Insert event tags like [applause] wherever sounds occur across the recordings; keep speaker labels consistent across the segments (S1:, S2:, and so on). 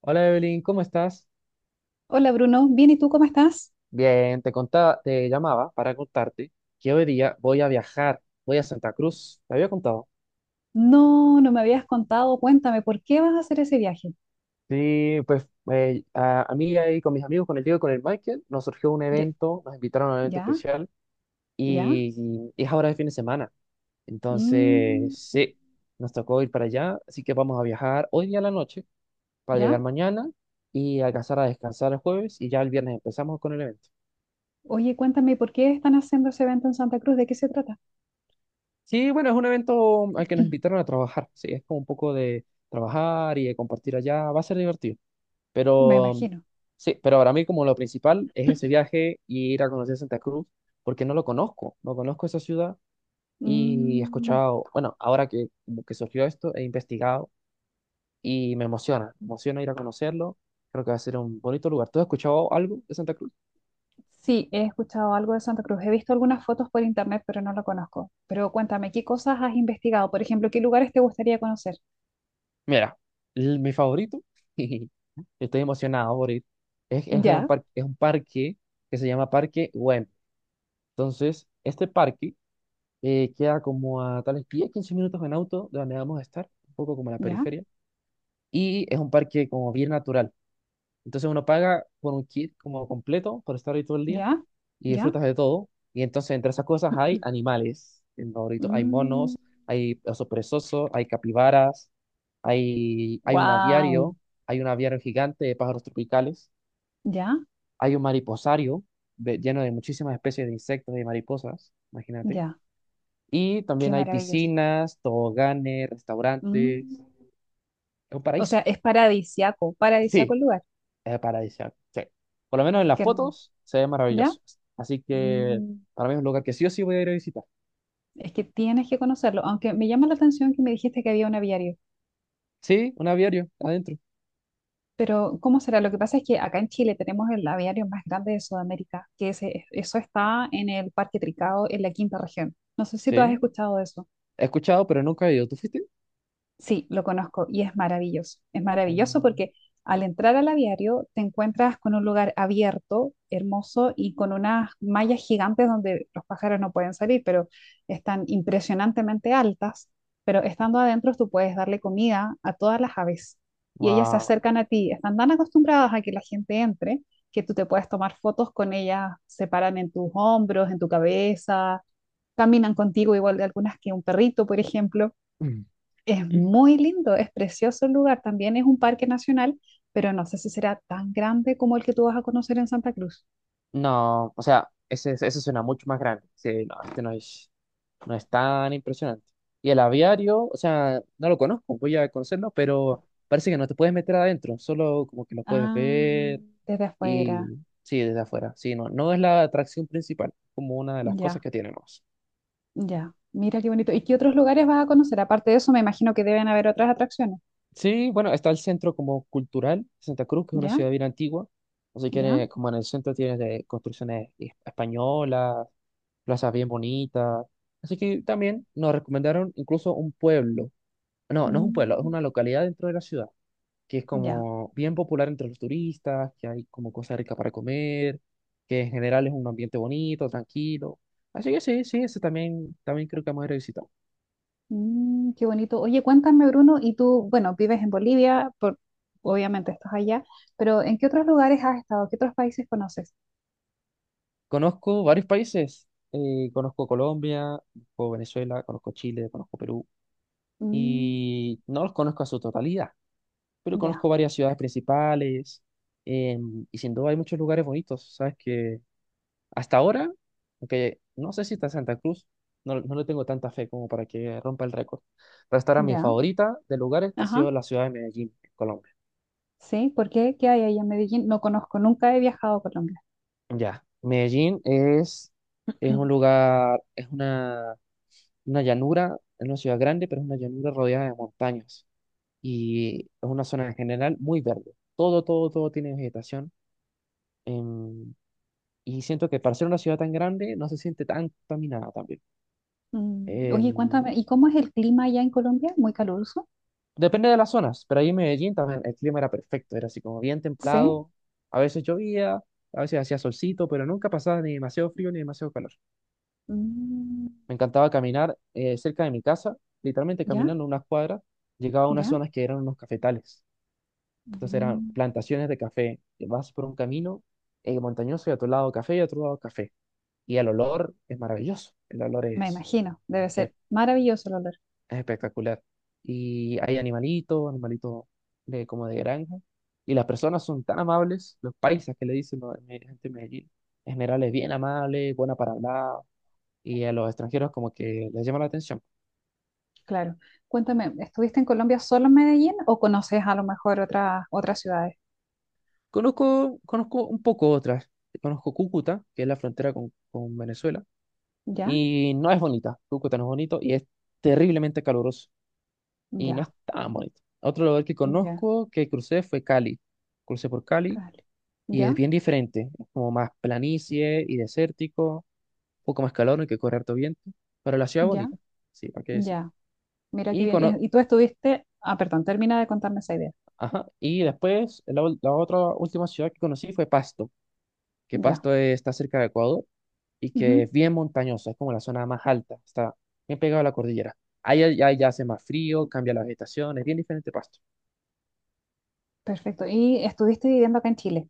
S1: Hola Evelyn, ¿cómo estás?
S2: Hola Bruno, bien, ¿y tú cómo estás?
S1: Bien, te contaba, te llamaba para contarte que hoy día voy a viajar, voy a Santa Cruz. ¿Te había contado?
S2: No, no me habías contado, cuéntame, ¿por qué vas a hacer ese viaje?
S1: Sí, pues a mí ahí con mis amigos, con el Diego y con el Michael, nos surgió un
S2: Ye-
S1: evento, nos invitaron a un evento
S2: ¿Ya?
S1: especial
S2: ¿Ya?
S1: y, y es ahora de fin de semana. Entonces,
S2: Mm,
S1: sí, nos tocó ir para allá, así que vamos a viajar hoy día a la noche para llegar
S2: ¿ya?
S1: mañana y alcanzar a descansar el jueves, y ya el viernes empezamos con el evento.
S2: Oye, cuéntame, ¿por qué están haciendo ese evento en Santa Cruz? ¿De qué se trata?
S1: Sí, bueno, es un evento al que nos
S2: [clears throat]
S1: invitaron a trabajar, sí, es como un poco de trabajar y de compartir allá, va a ser divertido,
S2: Me
S1: pero
S2: imagino.
S1: sí, pero para mí como lo principal es ese viaje y ir a conocer Santa Cruz, porque no lo conozco, no conozco esa ciudad, y he
S2: Mm,
S1: escuchado, bueno, ahora que, como que surgió esto, he investigado y me emociona ir a conocerlo, creo que va a ser un bonito lugar. ¿Tú has escuchado algo de Santa Cruz?
S2: sí, he escuchado algo de Santa Cruz, he visto algunas fotos por internet, pero no lo conozco. Pero cuéntame, ¿qué cosas has investigado? Por ejemplo, ¿qué lugares te gustaría conocer?
S1: Mira, mi favorito, [laughs] estoy emocionado por ir, es, es un
S2: ¿Ya?
S1: parque, es un parque que se llama Parque Güemes. Entonces, este parque queda como a tales 10 15 minutos en auto de donde vamos a estar, un poco como en la
S2: ¿Ya?
S1: periferia, y es un parque como bien natural. Entonces uno paga por un kit como completo por estar ahí todo el día
S2: ¿Ya?
S1: y
S2: ¿Ya?
S1: disfrutas de todo. Y entonces entre esas cosas hay
S2: [clears throat]
S1: animales, en Maurito hay
S2: Mm,
S1: monos, hay osos perezosos, hay capibaras, hay un
S2: wow.
S1: aviario, hay un aviario gigante de pájaros tropicales,
S2: ¿Ya?
S1: hay un mariposario lleno de muchísimas especies de insectos y mariposas, imagínate.
S2: ¿Ya?
S1: Y
S2: Qué
S1: también hay
S2: maravilloso.
S1: piscinas, toboganes,
S2: Mm.
S1: restaurantes, es un
S2: O sea,
S1: paraíso.
S2: es paradisiaco, paradisiaco
S1: Sí,
S2: el lugar.
S1: es paradisíaco, sí. Por lo menos en las
S2: Qué hermoso.
S1: fotos se ve
S2: ¿Ya?
S1: maravilloso. Así que
S2: Mm.
S1: para mí es un lugar que sí o sí voy a ir a visitar.
S2: Es que tienes que conocerlo, aunque me llama la atención que me dijiste que había un aviario.
S1: Sí, un aviario adentro.
S2: Pero, ¿cómo será? Lo que pasa es que acá en Chile tenemos el aviario más grande de Sudamérica, que eso está en el Parque Tricao, en la quinta región. No sé si tú has
S1: Sí,
S2: escuchado de eso.
S1: he escuchado, pero nunca he ido. ¿Tú fuiste?
S2: Sí, lo conozco y es maravilloso. Es maravilloso porque al entrar al aviario te encuentras con un lugar abierto, hermoso y con unas mallas gigantes donde los pájaros no pueden salir, pero están impresionantemente altas. Pero estando adentro tú puedes darle comida a todas las aves y ellas se
S1: Wow.
S2: acercan a ti. Están tan acostumbradas a que la gente entre que tú te puedes tomar fotos con ellas, se paran en tus hombros, en tu cabeza, caminan contigo igual de algunas que un perrito, por ejemplo. Es muy lindo, es precioso el lugar. También es un parque nacional, pero no sé si será tan grande como el que tú vas a conocer en Santa Cruz.
S1: No, o sea, ese suena mucho más grande. Sí, no, este no es, no es tan impresionante. Y el aviario, o sea, no lo conozco, voy a conocerlo, pero parece que no te puedes meter adentro, solo como que lo puedes
S2: Ah,
S1: ver,
S2: desde afuera.
S1: y sí, desde afuera. Sí, no, no es la atracción principal, como una de las cosas
S2: Ya,
S1: que tiene más.
S2: ya. Mira qué bonito. ¿Y qué otros lugares vas a conocer? Aparte de eso, me imagino que deben haber otras atracciones.
S1: Sí, bueno, está el centro como cultural, Santa Cruz, que es una
S2: ¿Ya?
S1: ciudad bien antigua. Así que en
S2: ¿Ya?
S1: como en el centro tienes de construcciones españolas, plazas bien bonitas. Así que también nos recomendaron incluso un pueblo. No, no es un pueblo, es
S2: Mm,
S1: una localidad dentro de la ciudad, que es
S2: ya.
S1: como bien popular entre los turistas, que hay como cosas ricas para comer, que en general es un ambiente bonito, tranquilo. Así que sí, sí, ese también, también creo que vamos a ir a visitar.
S2: Mm, qué bonito. Oye, cuéntame, Bruno, y tú, bueno, vives en Bolivia, por, obviamente estás allá, pero ¿en qué otros lugares has estado? ¿Qué otros países conoces?
S1: Conozco varios países. Conozco Colombia, conozco Venezuela, conozco Chile, conozco Perú.
S2: Mm,
S1: Y no los conozco a su totalidad, pero conozco
S2: ya,
S1: varias ciudades principales. Y sin duda hay muchos lugares bonitos. Sabes que hasta ahora, aunque no sé si está Santa Cruz, no, no le tengo tanta fe como para que rompa el récord. Pero hasta ahora mi
S2: ya.
S1: favorita de lugares ha
S2: Ajá.
S1: sido la ciudad de Medellín, en Colombia.
S2: ¿Sí? ¿Por qué? ¿Qué hay ahí en Medellín? No conozco, nunca he viajado a Colombia.
S1: Ya, Medellín es un
S2: [clears throat]
S1: lugar, es una llanura, es una ciudad grande, pero es una llanura rodeada de montañas. Y es una zona en general muy verde. Todo, todo, todo tiene vegetación. em, y siento que para ser una ciudad tan grande no se siente tan contaminada también.
S2: Mm, Oye,
S1: Em,
S2: cuéntame, ¿y cómo es el clima allá en Colombia? ¿Muy caluroso?
S1: Depende de las zonas, pero ahí en Medellín también el clima era perfecto. Era así como bien
S2: ¿Sí?
S1: templado. A veces llovía, a veces hacía solcito, pero nunca pasaba ni demasiado frío ni demasiado calor.
S2: Mm,
S1: Me encantaba caminar cerca de mi casa, literalmente
S2: ¿Ya?
S1: caminando unas cuadras, llegaba a unas
S2: ¿Ya?
S1: zonas que eran unos cafetales. Entonces eran
S2: Mm,
S1: plantaciones de café. Vas por un camino montañoso, y a tu lado café y a tu lado café. Y el olor es maravilloso. El olor
S2: Me imagino, debe
S1: es,
S2: ser maravilloso el olor.
S1: es espectacular. Y hay animalitos, animalitos de, como de granja. Y las personas son tan amables, los paisas que le dicen la gente de Medellín. En general es bien amable, buena para hablar. Y a los extranjeros como que les llama la atención.
S2: Claro. Cuéntame, ¿estuviste en Colombia solo en Medellín o conoces a lo mejor otras ciudades?
S1: Conozco, conozco un poco otras. Conozco Cúcuta, que es la frontera con Venezuela.
S2: ¿Ya?
S1: Y no es bonita, Cúcuta no es bonito y es terriblemente caluroso y no es
S2: ¿Ya?
S1: tan bonito. Otro lugar que
S2: ¿Ya?
S1: conozco que crucé fue Cali. Crucé por Cali
S2: Cali.
S1: y es
S2: ¿Ya?
S1: bien diferente, es como más planicie y desértico, un poco más calor, no hay que correr harto viento, pero la ciudad es
S2: ¿Ya?
S1: bonita, sí, hay que decir.
S2: ¿Ya? Mira qué
S1: Y,
S2: bien.
S1: cono-
S2: Y tú estuviste... Ah, perdón, termina de contarme esa idea.
S1: Ajá. Y después la otra última ciudad que conocí fue Pasto. Que
S2: Ya.
S1: Pasto está cerca de Ecuador, y que es bien montañoso, es como la zona más alta, está bien pegado a la cordillera. Ahí ya hace más frío, cambia la vegetación, es bien diferente Pasto.
S2: Perfecto. Y estuviste viviendo acá en Chile.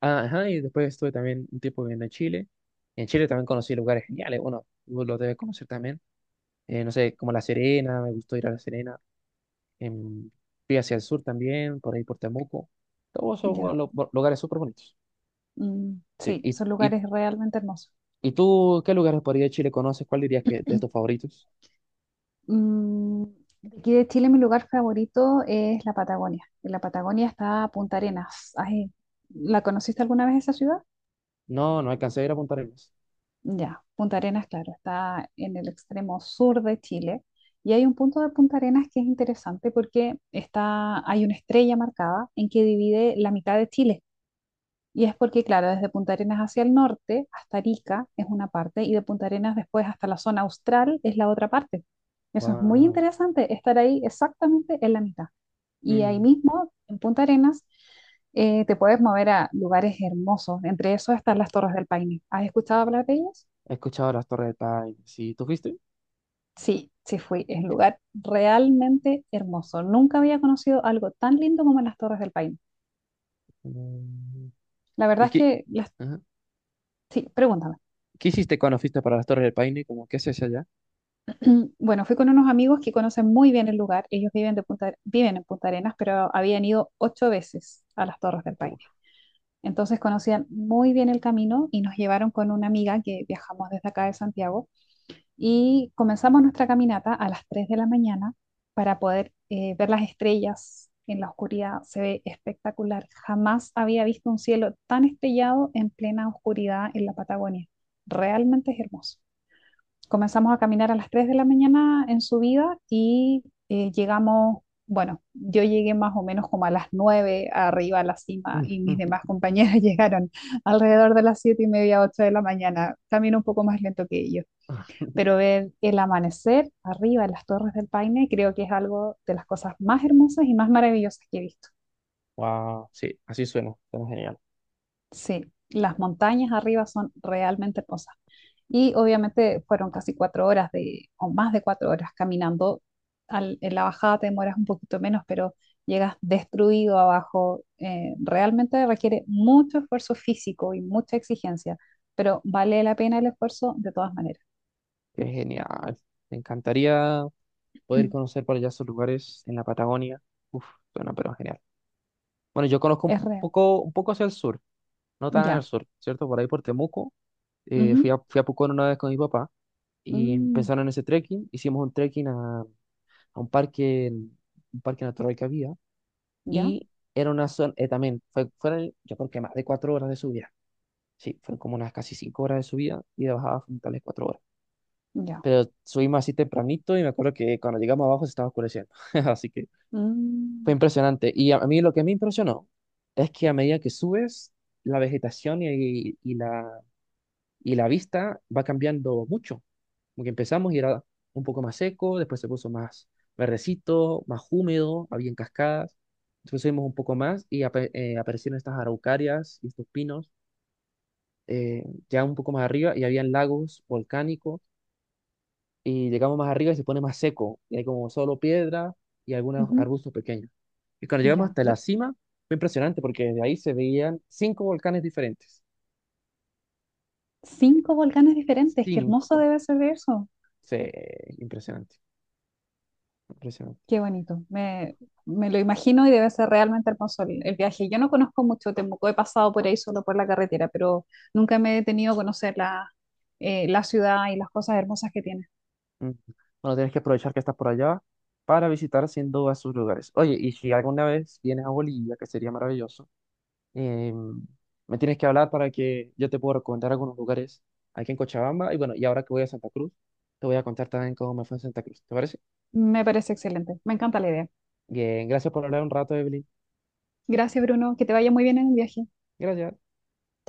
S1: Ah, ajá, y después estuve también un tiempo viviendo en Chile. En Chile también conocí lugares geniales, bueno, vos los debes conocer también. No sé, como La Serena, me gustó ir a La Serena. Em, Fui hacia el sur también, por ahí por Temuco. Todos esos
S2: Ya.
S1: lugares súper bonitos.
S2: Mm,
S1: Sí,
S2: sí, son lugares realmente hermosos.
S1: ¿y tú qué lugares por ahí de Chile conoces? ¿Cuál dirías que es de tus
S2: [clears throat]
S1: favoritos?
S2: Mm, de aquí de Chile, mi lugar favorito es la Patagonia. En la Patagonia está Punta Arenas. Ay, ¿la conociste alguna vez esa ciudad?
S1: No, no alcancé a ir a Punta Arenas.
S2: Ya, Punta Arenas, claro, está en el extremo sur de Chile. Y hay un punto de Punta Arenas que es interesante porque está, hay una estrella marcada en que divide la mitad de Chile. Y es porque, claro, desde Punta Arenas hacia el norte, hasta Arica es una parte, y de Punta Arenas después hasta la zona austral es la otra parte. Eso es muy
S1: Wow.
S2: interesante, estar ahí exactamente en la mitad. Y ahí
S1: Mm.
S2: mismo, en Punta Arenas, te puedes mover a lugares hermosos. Entre esos están las Torres del Paine. ¿Has escuchado hablar de ellas?
S1: He escuchado las Torres de Paine. Sí, ¿tú fuiste?
S2: Sí, sí fui. Es un lugar realmente hermoso. Nunca había conocido algo tan lindo como las Torres del Paine.
S1: Mm.
S2: La verdad
S1: ¿Y
S2: es
S1: qué,
S2: que las...
S1: ajá.
S2: Sí, pregúntame.
S1: ¿Qué hiciste cuando fuiste para las Torres del Paine? Como, ¿qué haces allá?
S2: [clears throat] Bueno, fui con unos amigos que conocen muy bien el lugar. Ellos viven, de Punta, viven en Punta Arenas, pero habían ido 8 veces a las Torres del Paine.
S1: Como,
S2: Entonces conocían muy bien el camino y nos llevaron con una amiga que viajamos desde acá de Santiago y comenzamos nuestra caminata a las 3 de la mañana para poder ver las estrellas en la oscuridad. Se ve espectacular. Jamás había visto un cielo tan estrellado en plena oscuridad en la Patagonia. Realmente es hermoso. Comenzamos a caminar a las 3 de la mañana en subida y llegamos, bueno, yo llegué más o menos como a las 9 arriba a la cima y mis demás
S1: [laughs]
S2: compañeras [laughs] llegaron alrededor de las 7:30, 8 de la mañana, también un poco más lento que ellos. Pero ver el amanecer arriba en las Torres del Paine creo que es algo de las cosas más hermosas y más maravillosas que he visto.
S1: wow, sí, así suena. Suena genial.
S2: Sí, las montañas arriba son realmente hermosas. Y obviamente fueron casi 4 horas de, o más de 4 horas caminando. En la bajada te demoras un poquito menos, pero llegas destruido abajo. Realmente requiere mucho esfuerzo físico y mucha exigencia, pero vale la pena el esfuerzo de todas maneras.
S1: Qué genial. Me encantaría poder
S2: [clears throat]
S1: conocer por allá esos lugares en la Patagonia. Uf, suena pero genial. Bueno, yo conozco
S2: Es real.
S1: un poco hacia el sur, no tan al
S2: Ya.
S1: sur, ¿cierto? Por ahí por Temuco. Fui
S2: Ujú.
S1: a, fui a Pucón una vez con mi papá. Y
S2: Mm,
S1: empezaron ese trekking. Hicimos un trekking a un parque natural que había
S2: ya.
S1: y era una zona, también fueron yo creo que más de 4 horas de subida. Sí, fueron como unas casi 5 horas de subida y de bajada fueron tales 4 horas.
S2: Ya.
S1: Pero subimos así tempranito y me acuerdo que cuando llegamos abajo se estaba oscureciendo. [laughs] Así que fue
S2: Mm,
S1: impresionante. Y a mí lo que me impresionó es que a medida que subes, la vegetación y la vista va cambiando mucho. Como que empezamos y era un poco más seco, después se puso más verdecito, más húmedo, había cascadas. Después subimos un poco más y aparecieron estas araucarias y estos pinos, ya un poco más arriba, y habían lagos volcánicos. Y llegamos más arriba y se pone más seco, y hay como solo piedra y algunos
S2: ujú.
S1: arbustos pequeños. Y cuando llegamos
S2: Ya.
S1: hasta la cima, fue impresionante porque desde ahí se veían cinco volcanes diferentes.
S2: Cinco volcanes diferentes. Qué hermoso
S1: Cinco.
S2: debe ser eso.
S1: Sí, impresionante, impresionante.
S2: Qué bonito, me lo imagino y debe ser realmente hermoso el viaje. Yo no conozco mucho Temuco, he pasado por ahí solo por la carretera, pero nunca me he detenido a conocer la ciudad y las cosas hermosas que tiene.
S1: Mm. Bueno, tienes que aprovechar que estás por allá para visitar sin duda sus lugares. Oye, y si alguna vez vienes a Bolivia, que sería maravilloso, eh, me tienes que hablar para que yo te pueda recomendar algunos lugares aquí en Cochabamba. Y bueno, y ahora que voy a Santa Cruz, te voy a contar también cómo me fue en Santa Cruz. ¿Te parece?
S2: Me parece excelente, me encanta la idea.
S1: Bien, gracias por hablar un rato, Evelyn.
S2: Gracias, Bruno, que te vaya muy bien en el viaje.
S1: Gracias.